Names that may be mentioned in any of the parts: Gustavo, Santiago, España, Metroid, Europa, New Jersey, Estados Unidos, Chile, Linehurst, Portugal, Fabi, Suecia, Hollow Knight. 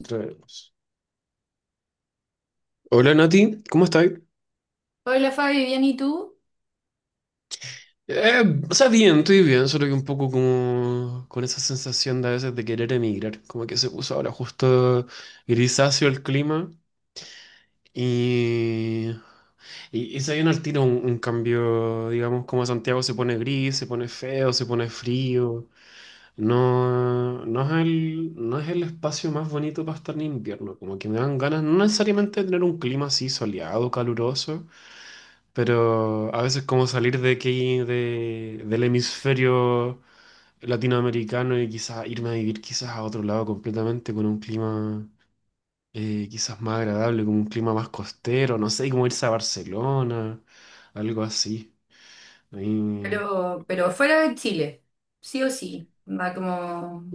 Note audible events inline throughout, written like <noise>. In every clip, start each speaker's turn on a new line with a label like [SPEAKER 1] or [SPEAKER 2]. [SPEAKER 1] Entremos. Hola Nati, ¿cómo estás?
[SPEAKER 2] Hola Fabi, bien, ¿y tú?
[SPEAKER 1] Bien, estoy bien, solo que un poco como con esa sensación de a veces de querer emigrar, como que se puso ahora justo grisáceo el clima y, y se viene al tiro un cambio, digamos, como Santiago se pone gris, se pone feo, se pone frío, no es el espacio más bonito para estar en invierno, como que me dan ganas no necesariamente de tener un clima así soleado, caluroso. Pero a veces como salir de aquí, del hemisferio latinoamericano y quizás irme a vivir quizás a otro lado completamente con un clima quizás más agradable, con un clima más costero, no sé, como irse a Barcelona, algo así. Ahí-
[SPEAKER 2] Pero, fuera de Chile, sí o sí. Va como...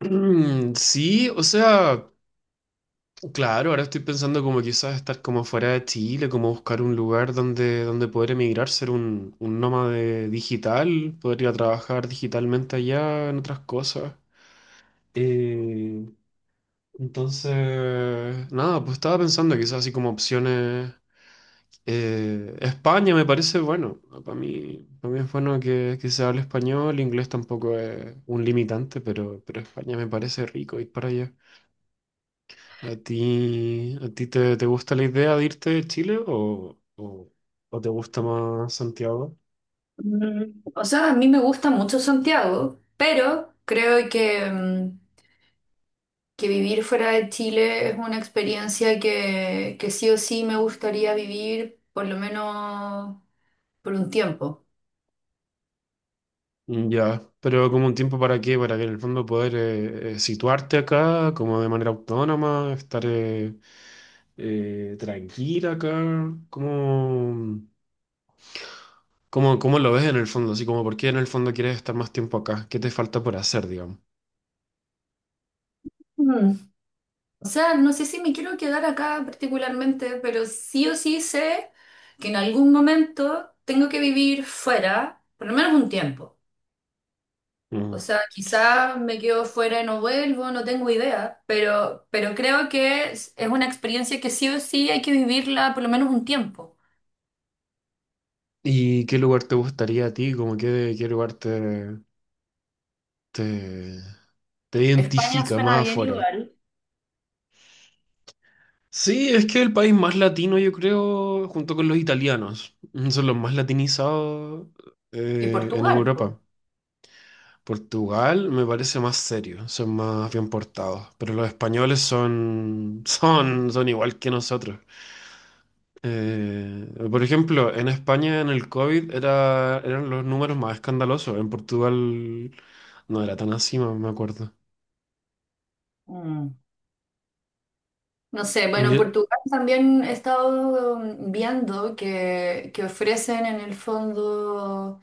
[SPEAKER 1] <clears throat> Sí, o sea... Claro, ahora estoy pensando como quizás estar como fuera de Chile, como buscar un lugar donde, donde poder emigrar, ser un nómade digital, poder ir a trabajar digitalmente allá en otras cosas. Eh, entonces, nada, pues estaba pensando quizás así como opciones. España me parece bueno, para mí es bueno que se hable español, inglés tampoco es un limitante, pero España me parece rico ir para allá. A ti te gusta la idea de irte de Chile o te gusta más Santiago?
[SPEAKER 2] Mm, o sea, a mí me gusta mucho Santiago, pero creo que, mm, que vivir fuera de Chile es una experiencia que sí o sí me gustaría vivir por lo menos por un tiempo.
[SPEAKER 1] Mm. Ya, pero como un tiempo para qué, para que en el fondo poder situarte acá como de manera autónoma, estar tranquila acá, ¿cómo lo ves en el fondo? Así como, ¿por qué en el fondo quieres estar más tiempo acá? ¿Qué te falta por hacer, digamos?
[SPEAKER 2] Mm. O sea, no sé si me quiero quedar acá particularmente, pero sí o sí sé que en algún momento tengo que vivir fuera, por lo menos un tiempo. O
[SPEAKER 1] Mm.
[SPEAKER 2] sea, quizás me quedo fuera y no vuelvo, no tengo idea, pero, creo que es una experiencia que sí o sí hay que vivirla por lo menos un tiempo.
[SPEAKER 1] ¿Y qué lugar te gustaría a ti? Como qué lugar te, te
[SPEAKER 2] España
[SPEAKER 1] identifica
[SPEAKER 2] suena
[SPEAKER 1] más
[SPEAKER 2] bien
[SPEAKER 1] afuera?
[SPEAKER 2] igual.
[SPEAKER 1] Sí, es que el país más latino, yo creo, junto con los italianos, mm, son los más latinizados
[SPEAKER 2] Y
[SPEAKER 1] en
[SPEAKER 2] Portugal, po.
[SPEAKER 1] Europa. Portugal me parece más serio, son más bien portados, pero los españoles son, <laughs> son igual que nosotros. Por ejemplo, en España en el COVID era, eran los números más escandalosos, en Portugal no era tan así, me acuerdo.
[SPEAKER 2] Mm. No sé, bueno,
[SPEAKER 1] Ye-
[SPEAKER 2] Portugal también he estado viendo que ofrecen en el fondo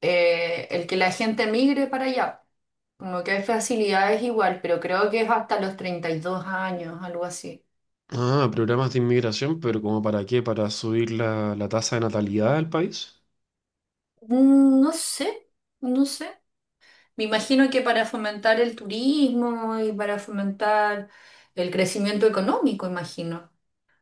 [SPEAKER 2] el que la gente migre para allá. Como que hay facilidades igual, pero creo que es hasta los 32 años, algo así.
[SPEAKER 1] Programas de inmigración, pero ¿como para qué? ¿Para subir la tasa de natalidad del país?
[SPEAKER 2] Mm, no sé, no sé. Me imagino que para fomentar el turismo y para fomentar el crecimiento económico, imagino.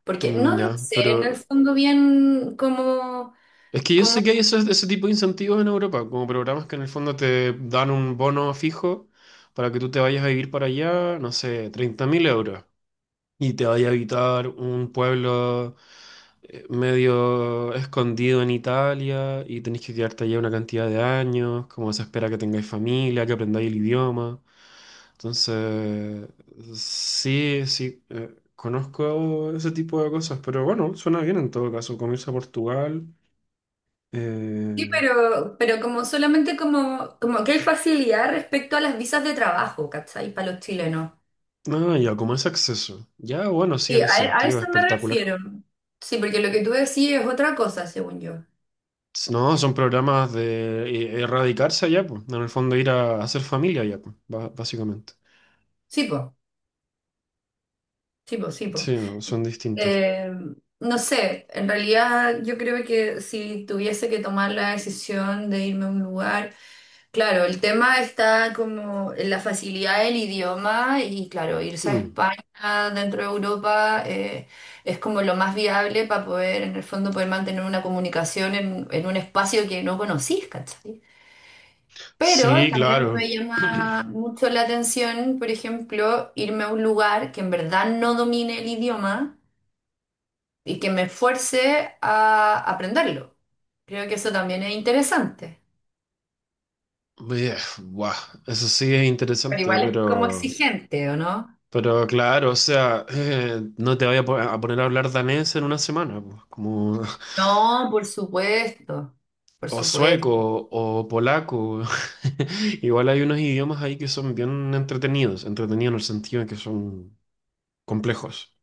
[SPEAKER 2] Porque
[SPEAKER 1] Mm,
[SPEAKER 2] no, no
[SPEAKER 1] ya,
[SPEAKER 2] sé en el
[SPEAKER 1] pero
[SPEAKER 2] fondo bien cómo,
[SPEAKER 1] es que yo
[SPEAKER 2] cómo
[SPEAKER 1] sé que hay ese tipo de incentivos en Europa, como programas que en el fondo te dan un bono fijo para que tú te vayas a vivir para allá, no sé, 30.000 euros y te vaya a habitar un pueblo medio escondido en Italia y tenés que quedarte allá una cantidad de años, como se espera que tengáis familia, que aprendáis el idioma. Entonces, sí, conozco ese tipo de cosas, pero bueno, suena bien en todo caso, como irse a Portugal.
[SPEAKER 2] sí,
[SPEAKER 1] Eh,
[SPEAKER 2] pero, como solamente como, como que hay facilidad respecto a las visas de trabajo, ¿cachai? Para los chilenos.
[SPEAKER 1] ya, como ese acceso. Ya, bueno, sí,
[SPEAKER 2] Y
[SPEAKER 1] en ese
[SPEAKER 2] a
[SPEAKER 1] sentido,
[SPEAKER 2] eso me
[SPEAKER 1] espectacular.
[SPEAKER 2] refiero. Sí, porque lo que tú decís es otra cosa, según yo.
[SPEAKER 1] No, son programas de erradicarse allá, pues. En el fondo ir a hacer familia allá, pues, básicamente.
[SPEAKER 2] Sí, po, sí, po, sí, po.
[SPEAKER 1] Sí, no, son distintos.
[SPEAKER 2] Eh, no sé, en realidad yo creo que si tuviese que tomar la decisión de irme a un lugar, claro, el tema está como en la facilidad del idioma y claro, irse a
[SPEAKER 1] Mm.
[SPEAKER 2] España dentro de Europa es como lo más viable para poder, en el fondo, poder mantener una comunicación en un espacio que no conocís, ¿cachai? Pero
[SPEAKER 1] Sí,
[SPEAKER 2] también me
[SPEAKER 1] claro.
[SPEAKER 2] llama
[SPEAKER 1] <clears throat>
[SPEAKER 2] mucho la atención, por ejemplo, irme a un lugar que en verdad no domine el idioma y que me esfuerce a aprenderlo. Creo que eso también es interesante,
[SPEAKER 1] Bien, guau, eso sí es
[SPEAKER 2] pero
[SPEAKER 1] interesante,
[SPEAKER 2] igual es como exigente, ¿o no?
[SPEAKER 1] pero claro, o sea, no te voy a, a poner a hablar danés en 1 semana, pues, como, <laughs>
[SPEAKER 2] No, por supuesto, por
[SPEAKER 1] o
[SPEAKER 2] supuesto.
[SPEAKER 1] sueco, o polaco. <laughs> Igual hay unos idiomas ahí que son bien entretenidos, entretenidos en el sentido de que son complejos.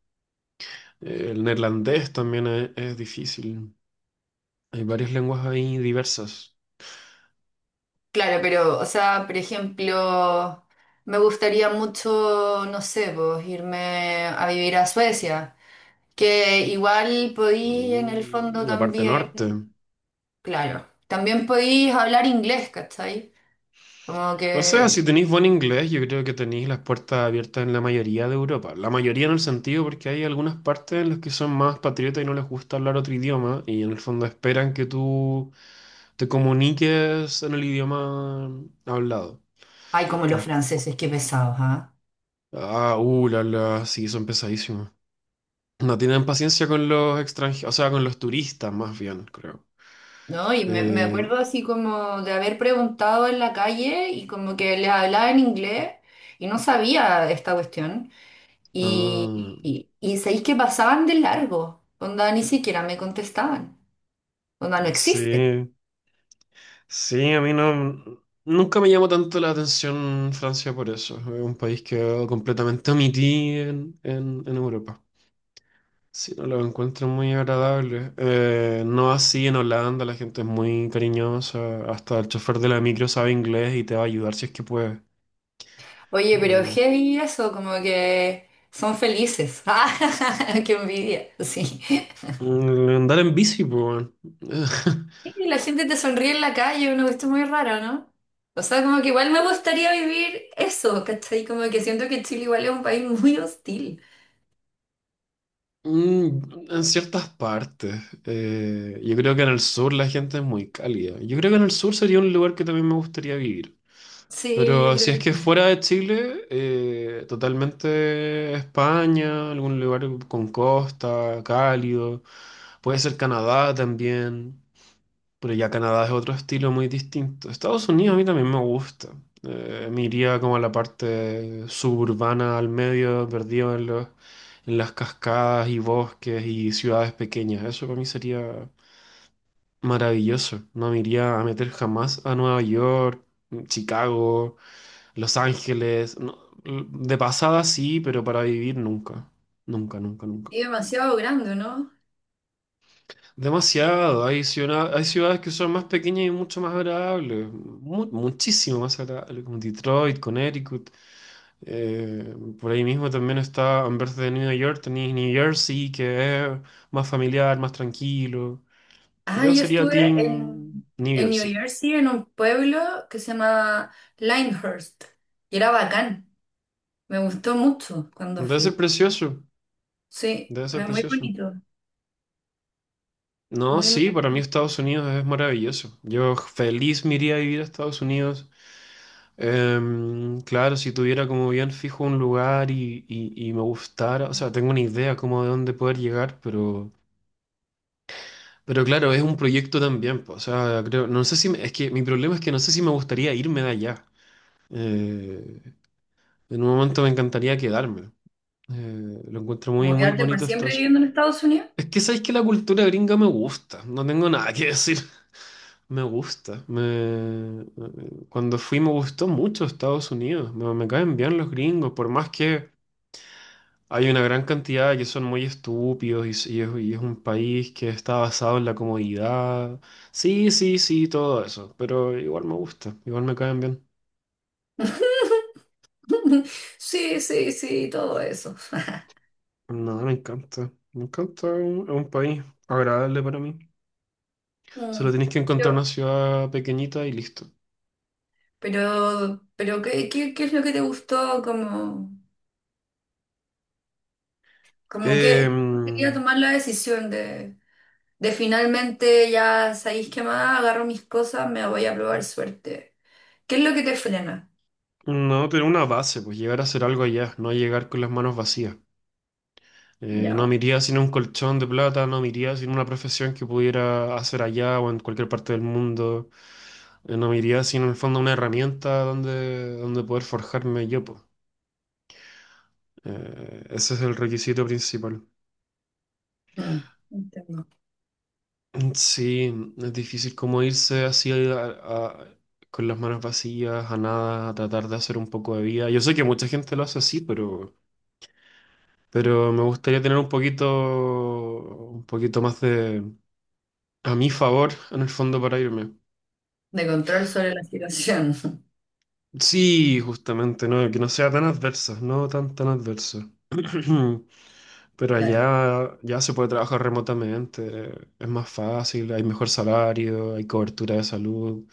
[SPEAKER 1] El neerlandés también es difícil. Hay varias lenguas ahí diversas.
[SPEAKER 2] Claro, pero, o sea, por ejemplo, me gustaría mucho, no sé, pues, irme a vivir a Suecia, que igual podí en el fondo
[SPEAKER 1] Mm. La parte norte.
[SPEAKER 2] también, claro, también podí hablar inglés, ¿cachai? Como
[SPEAKER 1] O sea, si
[SPEAKER 2] que,
[SPEAKER 1] tenéis buen inglés, yo creo que tenéis las puertas abiertas en la mayoría de Europa. La mayoría en el sentido porque hay algunas partes en las que son más patriotas y no les gusta hablar otro idioma y en el fondo esperan que tú te comuniques en el idioma hablado.
[SPEAKER 2] ay, como los
[SPEAKER 1] Pon-
[SPEAKER 2] franceses, qué pesados, ¿ah?
[SPEAKER 1] Sí, son pesadísimos. No tienen paciencia con los extranjeros, o sea, con los turistas más bien, creo.
[SPEAKER 2] No, y me,
[SPEAKER 1] Eh,
[SPEAKER 2] acuerdo así como de haber preguntado en la calle y como que les hablaba en inglés y no sabía esta cuestión.
[SPEAKER 1] ah,
[SPEAKER 2] Y, y sabéis que pasaban de largo, onda ni siquiera me contestaban, onda no
[SPEAKER 1] sí,
[SPEAKER 2] existe.
[SPEAKER 1] sí, a mí no, nunca me llamó tanto la atención Francia por eso. Es un país que completamente omití en, en Europa. Sí, no lo encuentro muy agradable. No así en Holanda, la gente es muy cariñosa. Hasta el chofer de la micro sabe inglés y te va a ayudar si es que puede.
[SPEAKER 2] Oye, pero
[SPEAKER 1] Eh,
[SPEAKER 2] heavy eso, como que son felices. <laughs> ¡Ah! ¡Qué envidia! Sí.
[SPEAKER 1] Andar en bici, pues, weón. <laughs>
[SPEAKER 2] Y la gente te sonríe en la calle, una cuestión muy rara, ¿no? O sea, como que igual me gustaría vivir eso, ¿cachai? Como que siento que Chile igual es un país muy hostil.
[SPEAKER 1] Mm, en ciertas partes. Yo creo que en el sur la gente es muy cálida. Yo creo que en el sur sería un lugar que también me gustaría vivir.
[SPEAKER 2] Sí, yo
[SPEAKER 1] Pero si
[SPEAKER 2] creo
[SPEAKER 1] es
[SPEAKER 2] que
[SPEAKER 1] que
[SPEAKER 2] también.
[SPEAKER 1] fuera de Chile, totalmente España, algún lugar con costa, cálido. Puede ser Canadá también. Pero ya Canadá es otro estilo muy distinto. Estados Unidos a mí también me gusta. Me iría como a la parte suburbana, al medio, perdido en en las cascadas y bosques y ciudades pequeñas. Eso para mí sería maravilloso. No me iría a meter jamás a Nueva York, Chicago, Los Ángeles. No, de pasada sí, pero para vivir nunca. Nunca, nunca, nunca.
[SPEAKER 2] Y demasiado grande, ¿no?
[SPEAKER 1] Demasiado. Hay ciudades que son más pequeñas y mucho más agradables. Muchísimo más agradables, como Detroit, Connecticut. Eh, por ahí mismo también está, en vez de New York, tenéis New Jersey, que es más familiar, más tranquilo.
[SPEAKER 2] Ah,
[SPEAKER 1] Yo
[SPEAKER 2] yo
[SPEAKER 1] sería
[SPEAKER 2] estuve
[SPEAKER 1] Team
[SPEAKER 2] en,
[SPEAKER 1] New
[SPEAKER 2] en New
[SPEAKER 1] Jersey.
[SPEAKER 2] Jersey, en un pueblo que se llama Linehurst, y era bacán. Me gustó mucho cuando
[SPEAKER 1] Debe ser
[SPEAKER 2] fui.
[SPEAKER 1] precioso,
[SPEAKER 2] Sí,
[SPEAKER 1] debe ser
[SPEAKER 2] era muy
[SPEAKER 1] precioso.
[SPEAKER 2] bonito.
[SPEAKER 1] No,
[SPEAKER 2] Muy,
[SPEAKER 1] sí, para mí Estados Unidos es maravilloso. Yo feliz me iría a vivir a Estados Unidos. Claro, si tuviera como bien fijo un lugar y me gustara, o sea, tengo una idea como de dónde poder llegar, pero claro, es un proyecto también, po, o sea, creo, no sé si, es que mi problema es que no sé si me gustaría irme de allá. Eh, en un momento me encantaría quedarme. Lo encuentro muy,
[SPEAKER 2] como
[SPEAKER 1] muy
[SPEAKER 2] quedarte por
[SPEAKER 1] bonito
[SPEAKER 2] siempre
[SPEAKER 1] Estados.
[SPEAKER 2] viviendo en Estados Unidos.
[SPEAKER 1] Es que sabéis que la cultura gringa me gusta, no tengo nada que decir. Me gusta. Me... Cuando fui me gustó mucho Estados Unidos. Me caen bien los gringos, por más que hay una gran cantidad que son muy estúpidos y es un país que está basado en la comodidad. Sí, sí, sí, todo eso. Pero igual me gusta, igual me caen bien.
[SPEAKER 2] <laughs> Sí, sí, sí, todo eso. <laughs>
[SPEAKER 1] No, me encanta. Me encanta, es un país agradable para mí.
[SPEAKER 2] Mm.
[SPEAKER 1] Solo tienes que encontrar una
[SPEAKER 2] Pero,
[SPEAKER 1] ciudad pequeñita y listo.
[SPEAKER 2] ¿qué, qué es lo que te gustó? Como, como que quería
[SPEAKER 1] Em,
[SPEAKER 2] tomar la decisión de finalmente ya sabéis qué más, agarro mis cosas, me voy a probar suerte. ¿Qué es lo que te frena?
[SPEAKER 1] no, tener una base, pues llegar a hacer algo allá, no llegar con las manos vacías. No
[SPEAKER 2] Ya,
[SPEAKER 1] me iría sin un colchón de plata, no me iría sin una profesión que pudiera hacer allá o en cualquier parte del mundo. No me iría sin, en el fondo, una herramienta donde, donde poder forjarme yo, po. Ese es el requisito principal.
[SPEAKER 2] bueno. Mm, entiendo.
[SPEAKER 1] Sí, es difícil como irse así con las manos vacías, a nada, a tratar de hacer un poco de vida. Yo sé que mucha gente lo hace así, pero me gustaría tener un poquito más de a mi favor en el fondo para irme.
[SPEAKER 2] De control sobre la situación. <laughs>
[SPEAKER 1] Sí, justamente, ¿no? Que no sea tan adversa, no tan tan adversa. <clears throat> Pero
[SPEAKER 2] Claro.
[SPEAKER 1] allá ya se puede trabajar remotamente, es más fácil, hay mejor salario, hay cobertura de salud.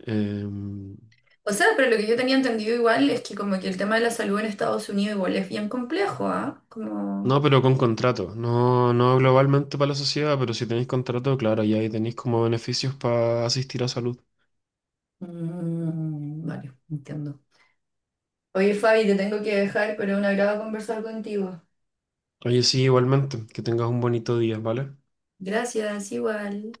[SPEAKER 1] Eh,
[SPEAKER 2] O sea, pero lo que yo tenía entendido igual es que como que el tema de la salud en Estados Unidos igual es bien complejo, ¿ah? Como...
[SPEAKER 1] no, pero con contrato, no, no globalmente para la sociedad, pero si tenéis contrato, claro, ya ahí tenéis como beneficios para asistir a salud.
[SPEAKER 2] Mm, vale, entiendo. Oye, Fabi, te tengo que dejar, pero un agrado conversar contigo.
[SPEAKER 1] Oye, sí, igualmente, que tengas un bonito día, ¿vale?
[SPEAKER 2] Gracias, igual.